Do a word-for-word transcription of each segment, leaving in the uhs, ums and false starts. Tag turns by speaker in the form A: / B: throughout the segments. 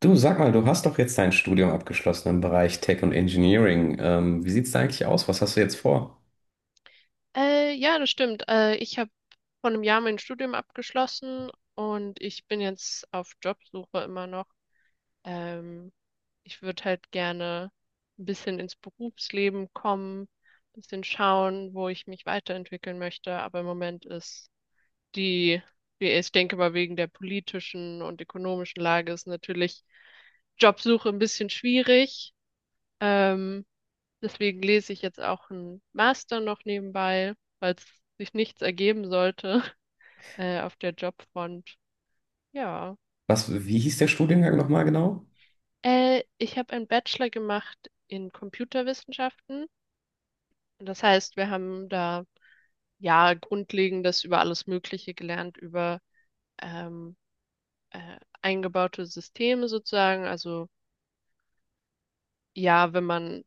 A: Du, sag mal, du hast doch jetzt dein Studium abgeschlossen im Bereich Tech und Engineering. Ähm, wie sieht's da eigentlich aus? Was hast du jetzt vor?
B: Äh, ja, das stimmt. Äh, ich habe vor einem Jahr mein Studium abgeschlossen und ich bin jetzt auf Jobsuche immer noch. Ähm, Ich würde halt gerne ein bisschen ins Berufsleben kommen, ein bisschen schauen, wo ich mich weiterentwickeln möchte. Aber im Moment ist die, die- ich denke mal, wegen der politischen und ökonomischen Lage ist natürlich Jobsuche ein bisschen schwierig. Ähm, Deswegen lese ich jetzt auch einen Master noch nebenbei, falls sich nichts ergeben sollte, äh, auf der Jobfront. Ja.
A: Was, wie hieß der Studiengang nochmal genau?
B: Äh, ich habe einen Bachelor gemacht in Computerwissenschaften. Das heißt, wir haben da ja Grundlegendes über alles Mögliche gelernt, über ähm, äh, eingebaute Systeme sozusagen, also ja, wenn man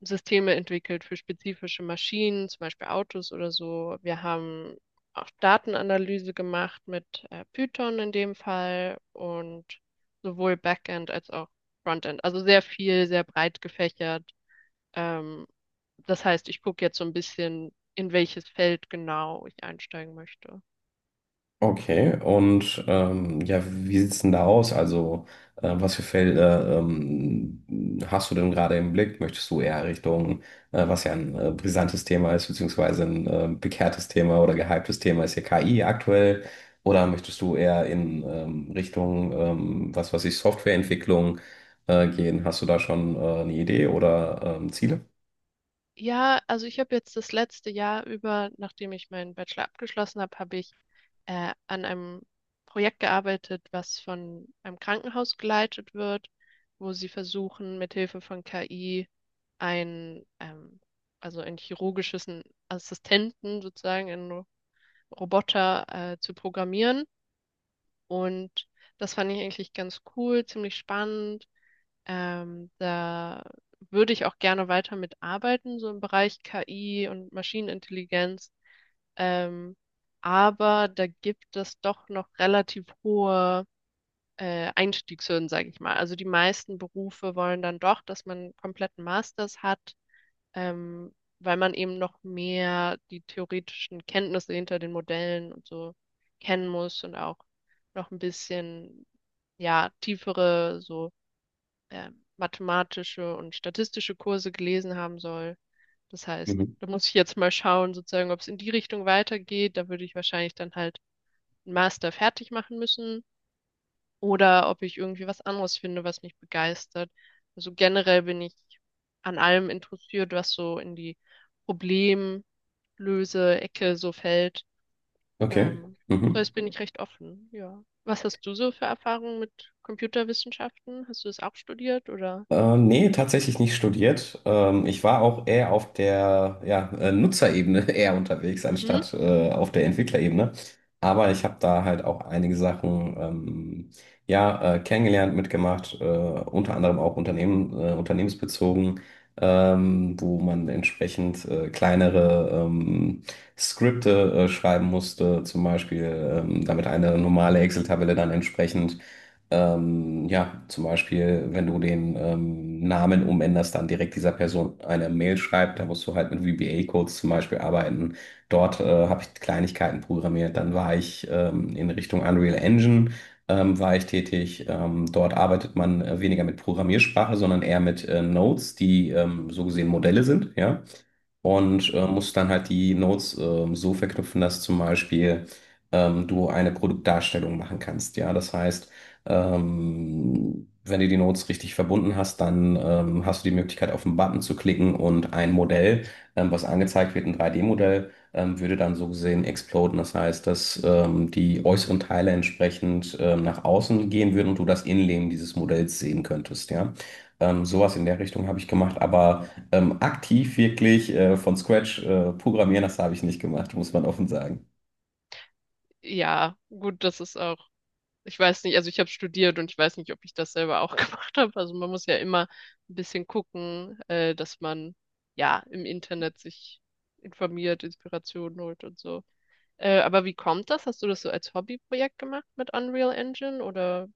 B: Systeme entwickelt für spezifische Maschinen, zum Beispiel Autos oder so. Wir haben auch Datenanalyse gemacht mit äh, Python in dem Fall und sowohl Backend als auch Frontend. Also sehr viel, sehr breit gefächert. Ähm, das heißt, ich gucke jetzt so ein bisschen, in welches Feld genau ich einsteigen möchte.
A: Okay, und ähm, ja, wie sieht's denn da aus? Also, äh, was für Felder ähm, hast du denn gerade im Blick? Möchtest du eher Richtung, äh, was ja ein äh, brisantes Thema ist, beziehungsweise ein äh, bekehrtes Thema oder gehyptes Thema ist ja K I aktuell? Oder möchtest du eher in ähm, Richtung, ähm, was weiß ich, Softwareentwicklung äh, gehen? Hast du da schon äh, eine Idee oder ähm, Ziele?
B: Ja, also ich habe jetzt das letzte Jahr über, nachdem ich meinen Bachelor abgeschlossen habe, habe ich äh, an einem Projekt gearbeitet, was von einem Krankenhaus geleitet wird, wo sie versuchen, mithilfe von K I ein, ähm, also ein chirurgisches Assistenten sozusagen, einen Roboter äh, zu programmieren. Und das fand ich eigentlich ganz cool, ziemlich spannend. Ähm, da würde ich auch gerne weiter mitarbeiten, so im Bereich K I und Maschinenintelligenz. Ähm, aber da gibt es doch noch relativ hohe äh, Einstiegshürden, sage ich mal. Also die meisten Berufe wollen dann doch, dass man einen kompletten Masters hat, ähm, weil man eben noch mehr die theoretischen Kenntnisse hinter den Modellen und so kennen muss und auch noch ein bisschen, ja, tiefere so äh, mathematische und statistische Kurse gelesen haben soll. Das heißt,
A: Mhm.
B: da muss ich jetzt mal schauen, sozusagen, ob es in die Richtung weitergeht. Da würde ich wahrscheinlich dann halt einen Master fertig machen müssen oder ob ich irgendwie was anderes finde, was mich begeistert. Also generell bin ich an allem interessiert, was so in die Problemlöse-Ecke so fällt.
A: Okay.
B: Ähm, so
A: Mhm.
B: jetzt bin ich recht offen, ja. Was hast du so für Erfahrungen mit Computerwissenschaften? Hast du das auch studiert oder?
A: Ähm, nee, tatsächlich nicht studiert. Ähm, ich war auch eher auf der ja, äh, Nutzerebene eher unterwegs,
B: Mhm.
A: anstatt äh, auf der Entwicklerebene. Aber ich habe da halt auch einige Sachen ähm, ja, äh, kennengelernt, mitgemacht, äh, unter anderem auch Unternehmen, äh, unternehmensbezogen, ähm, wo man entsprechend äh, kleinere ähm, Skripte äh, schreiben musste, zum Beispiel, ähm, damit eine normale Excel-Tabelle dann entsprechend ähm, ja, zum Beispiel, wenn du den ähm, Namen umänderst, dann direkt dieser Person eine Mail schreibt, da musst du halt mit V B A-Codes zum Beispiel arbeiten. Dort äh, habe ich Kleinigkeiten programmiert. Dann war ich ähm, in Richtung Unreal Engine ähm, war ich tätig. Ähm, dort arbeitet man äh, weniger mit Programmiersprache, sondern eher mit äh, Nodes, die ähm, so gesehen Modelle sind, ja und äh,
B: Mhm.
A: musst dann halt die Nodes ähm, so verknüpfen, dass zum Beispiel ähm, du eine Produktdarstellung machen kannst. Ja, das heißt, ähm, wenn du die Nodes richtig verbunden hast, dann ähm, hast du die Möglichkeit, auf einen Button zu klicken und ein Modell, ähm, was angezeigt wird, ein drei D-Modell, ähm, würde dann so gesehen exploden. Das heißt, dass ähm, die äußeren Teile entsprechend ähm, nach außen gehen würden und du das Innenleben dieses Modells sehen könntest. Ja, ähm, sowas in der Richtung habe ich gemacht, aber ähm, aktiv wirklich äh, von Scratch äh, programmieren, das habe ich nicht gemacht, muss man offen sagen.
B: Ja, gut, das ist auch, ich weiß nicht, also ich habe studiert und ich weiß nicht, ob ich das selber auch gemacht habe. Also man muss ja immer ein bisschen gucken, äh, dass man ja im Internet sich informiert, Inspiration holt und so. Äh, aber wie kommt das? Hast du das so als Hobbyprojekt gemacht mit Unreal Engine oder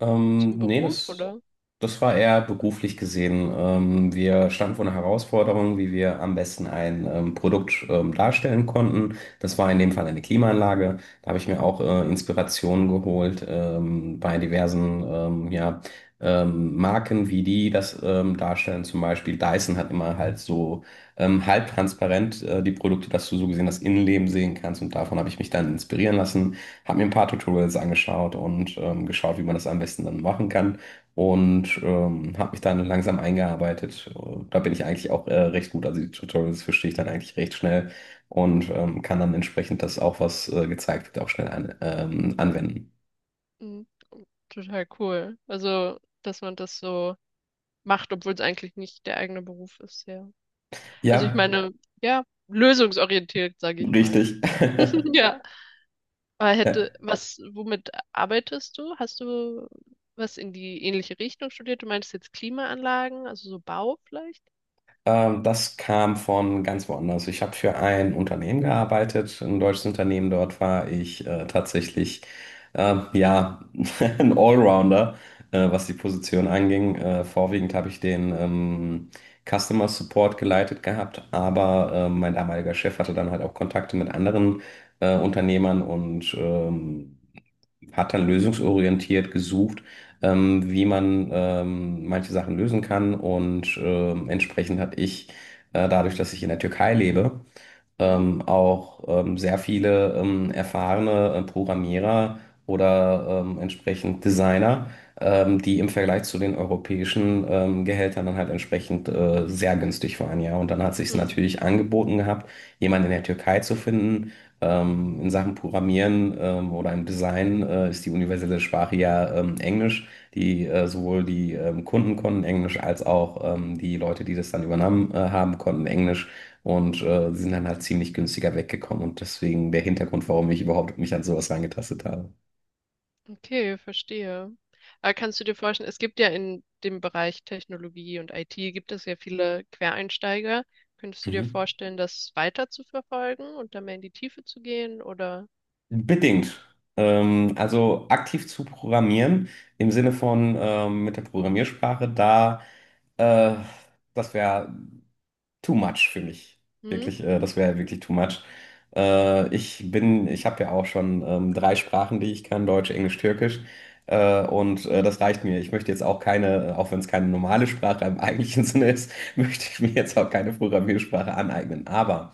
A: Ähm,
B: zum
A: nee,
B: Beruf
A: das,
B: oder?
A: das war eher beruflich gesehen. Ähm, wir standen vor einer Herausforderung, wie wir am besten ein ähm, Produkt ähm, darstellen konnten. Das war in dem Fall eine Klimaanlage. Da habe ich mir auch äh, Inspirationen geholt ähm, bei diversen ähm, ja, ähm, Marken, wie die das ähm, darstellen. Zum Beispiel Dyson hat immer halt so ähm, halbtransparent äh, die Produkte, dass du so gesehen das Innenleben sehen kannst. Und davon habe ich mich dann inspirieren lassen, habe mir ein paar Tutorials angeschaut und ähm, geschaut, wie man das am besten dann machen kann und ähm, habe mich dann langsam eingearbeitet. Äh, Da bin ich eigentlich auch äh, recht gut. Also die Tutorials verstehe ich dann eigentlich recht schnell und ähm, kann dann entsprechend das auch, was äh, gezeigt wird, auch schnell an, ähm, anwenden.
B: Mhm. Total cool. Also, dass man das so macht, obwohl es eigentlich nicht der eigene Beruf ist, ja. Also ich
A: Ja,
B: meine, ja, lösungsorientiert, sage ich mal.
A: richtig.
B: Ja. Aber hätte,
A: Ja.
B: was, womit arbeitest du? Hast du was in die ähnliche Richtung studiert? Du meinst jetzt Klimaanlagen, also so Bau vielleicht?
A: Ähm, das kam von ganz woanders. Ich habe für ein Unternehmen gearbeitet, ein deutsches Unternehmen. Dort war ich äh, tatsächlich ähm, ja ein Allrounder, äh, was die Position anging. Äh, vorwiegend habe ich den ähm, Customer Support geleitet gehabt, aber äh, mein damaliger Chef hatte dann halt auch Kontakte mit anderen äh, Unternehmern und ähm, hat dann lösungsorientiert gesucht, ähm, wie man ähm, manche Sachen lösen kann. Und ähm, entsprechend hat ich, äh, dadurch, dass ich in der Türkei lebe,
B: Hm?
A: ähm, auch ähm, sehr viele ähm, erfahrene äh, Programmierer oder ähm, entsprechend Designer, ähm, die im Vergleich zu den europäischen ähm, Gehältern dann halt entsprechend äh, sehr günstig waren, ja. Und dann hat sich es
B: Hm.
A: natürlich angeboten gehabt, jemanden in der Türkei zu finden. Ähm, in Sachen Programmieren ähm, oder im Design äh, ist die universelle Sprache ja ähm, Englisch. Die äh, Sowohl die ähm, Kunden konnten Englisch als auch ähm, die Leute, die das dann übernommen äh, haben, konnten Englisch. Und äh, sie sind dann halt ziemlich günstiger weggekommen und deswegen der Hintergrund, warum ich überhaupt mich an sowas rangetastet habe.
B: Okay, verstehe. Aber kannst du dir vorstellen, es gibt ja in dem Bereich Technologie und I T gibt es ja viele Quereinsteiger. Könntest du dir
A: Mhm.
B: vorstellen, das weiter zu verfolgen und da mehr in die Tiefe zu gehen? Oder?
A: Bedingt. Ähm, also aktiv zu programmieren im Sinne von ähm, mit der Programmiersprache, da äh, das wäre too much für mich.
B: Hm?
A: Wirklich, äh, das wäre wirklich too much. Äh, ich bin, ich habe ja auch schon ähm, drei Sprachen, die ich kann, Deutsch, Englisch, Türkisch. Äh, und äh, das reicht mir. Ich möchte jetzt auch keine, äh, auch wenn es keine normale Sprache im eigentlichen Sinne ist, möchte ich mir jetzt auch keine Programmiersprache aneignen. Aber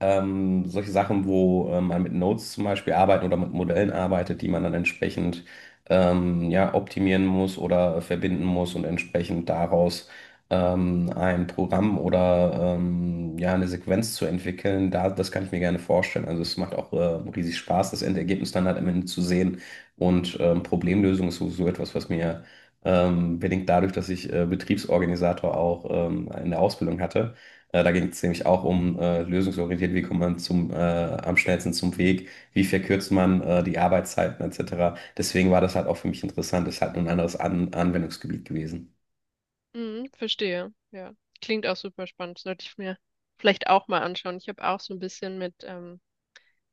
A: ähm, solche Sachen, wo äh, man mit Nodes zum Beispiel arbeitet oder mit Modellen arbeitet, die man dann entsprechend ähm, ja, optimieren muss oder verbinden muss und entsprechend daraus ähm, ein Programm oder ähm, ja, eine Sequenz zu entwickeln, da, das kann ich mir gerne vorstellen. Also es macht auch äh, riesig Spaß, das Endergebnis dann halt am Ende zu sehen. Und ähm, Problemlösung ist sowieso etwas, was mir ähm, bedingt dadurch, dass ich äh, Betriebsorganisator auch ähm, in der Ausbildung hatte äh, da ging es nämlich auch um äh, lösungsorientiert, wie kommt man zum, äh, am schnellsten zum Weg, wie verkürzt man äh, die Arbeitszeiten et cetera. Deswegen war das halt auch für mich interessant, ist halt nur ein anderes An Anwendungsgebiet gewesen.
B: Hm, verstehe. Ja, klingt auch super spannend. Sollte ich mir vielleicht auch mal anschauen. Ich habe auch so ein bisschen mit ähm,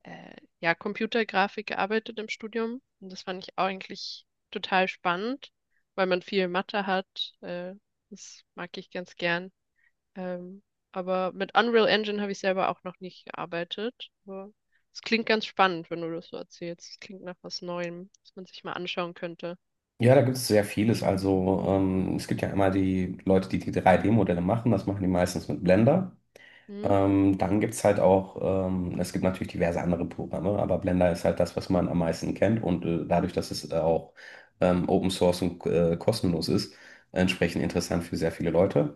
B: äh, ja, Computergrafik gearbeitet im Studium. Und das fand ich auch eigentlich total spannend, weil man viel Mathe hat. Äh, das mag ich ganz gern. Ähm, aber mit Unreal Engine habe ich selber auch noch nicht gearbeitet. Aber es klingt ganz spannend, wenn du das so erzählst. Es klingt nach was Neuem, was man sich mal anschauen könnte.
A: Ja, da gibt es sehr vieles. Also ähm, es gibt ja immer die Leute, die die drei D-Modelle machen, das machen die meistens mit Blender.
B: Hm?
A: Ähm, dann gibt es halt auch, ähm, es gibt natürlich diverse andere Programme, aber Blender ist halt das, was man am meisten kennt und äh, dadurch, dass es äh, auch ähm, Open Source und äh, kostenlos ist, entsprechend interessant für sehr viele Leute.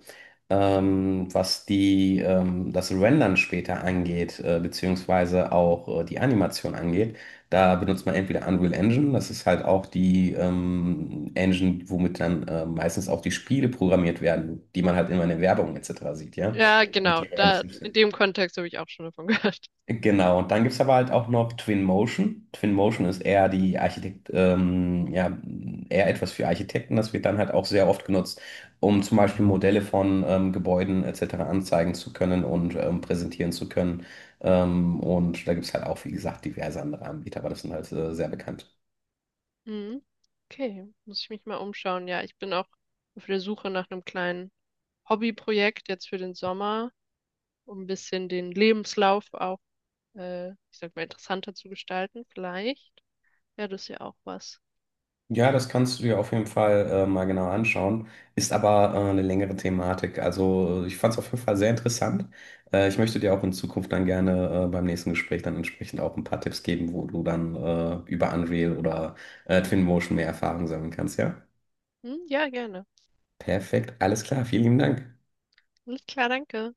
A: ähm, Was die, ähm, das Rendern später angeht, äh, beziehungsweise auch äh, die Animation angeht. Da benutzt man entweder Unreal Engine, das ist halt auch die ähm, Engine, womit dann äh, meistens auch die Spiele programmiert werden, die man halt immer in der Werbung et cetera sieht, ja,
B: Ja,
A: damit
B: genau.
A: die
B: Da,
A: realistisch
B: in
A: sind.
B: dem Kontext habe ich auch schon davon gehört.
A: Genau, und dann gibt es aber halt auch noch Twinmotion. Twinmotion ist eher die Architekt, ähm, ja, eher etwas für Architekten. Das wird dann halt auch sehr oft genutzt, um zum Beispiel Modelle von ähm, Gebäuden et cetera anzeigen zu können und ähm, präsentieren zu können. Ähm, und da gibt es halt auch, wie gesagt, diverse andere Anbieter, aber das sind halt äh, sehr bekannt.
B: Hm? Okay, muss ich mich mal umschauen. Ja, ich bin auch auf der Suche nach einem kleinen Hobbyprojekt jetzt für den Sommer, um ein bisschen den Lebenslauf auch, äh, ich sag mal, interessanter zu gestalten, vielleicht. Ja, das ist ja auch was.
A: Ja, das kannst du dir auf jeden Fall äh, mal genau anschauen. Ist aber äh, eine längere Thematik. Also ich fand es auf jeden Fall sehr interessant. Äh, ich möchte dir auch in Zukunft dann gerne äh, beim nächsten Gespräch dann entsprechend auch ein paar Tipps geben, wo du dann äh, über Unreal oder äh, Twinmotion mehr Erfahrung sammeln kannst, ja?
B: Hm? Ja, gerne.
A: Perfekt, alles klar, vielen lieben Dank.
B: Alles klar, danke.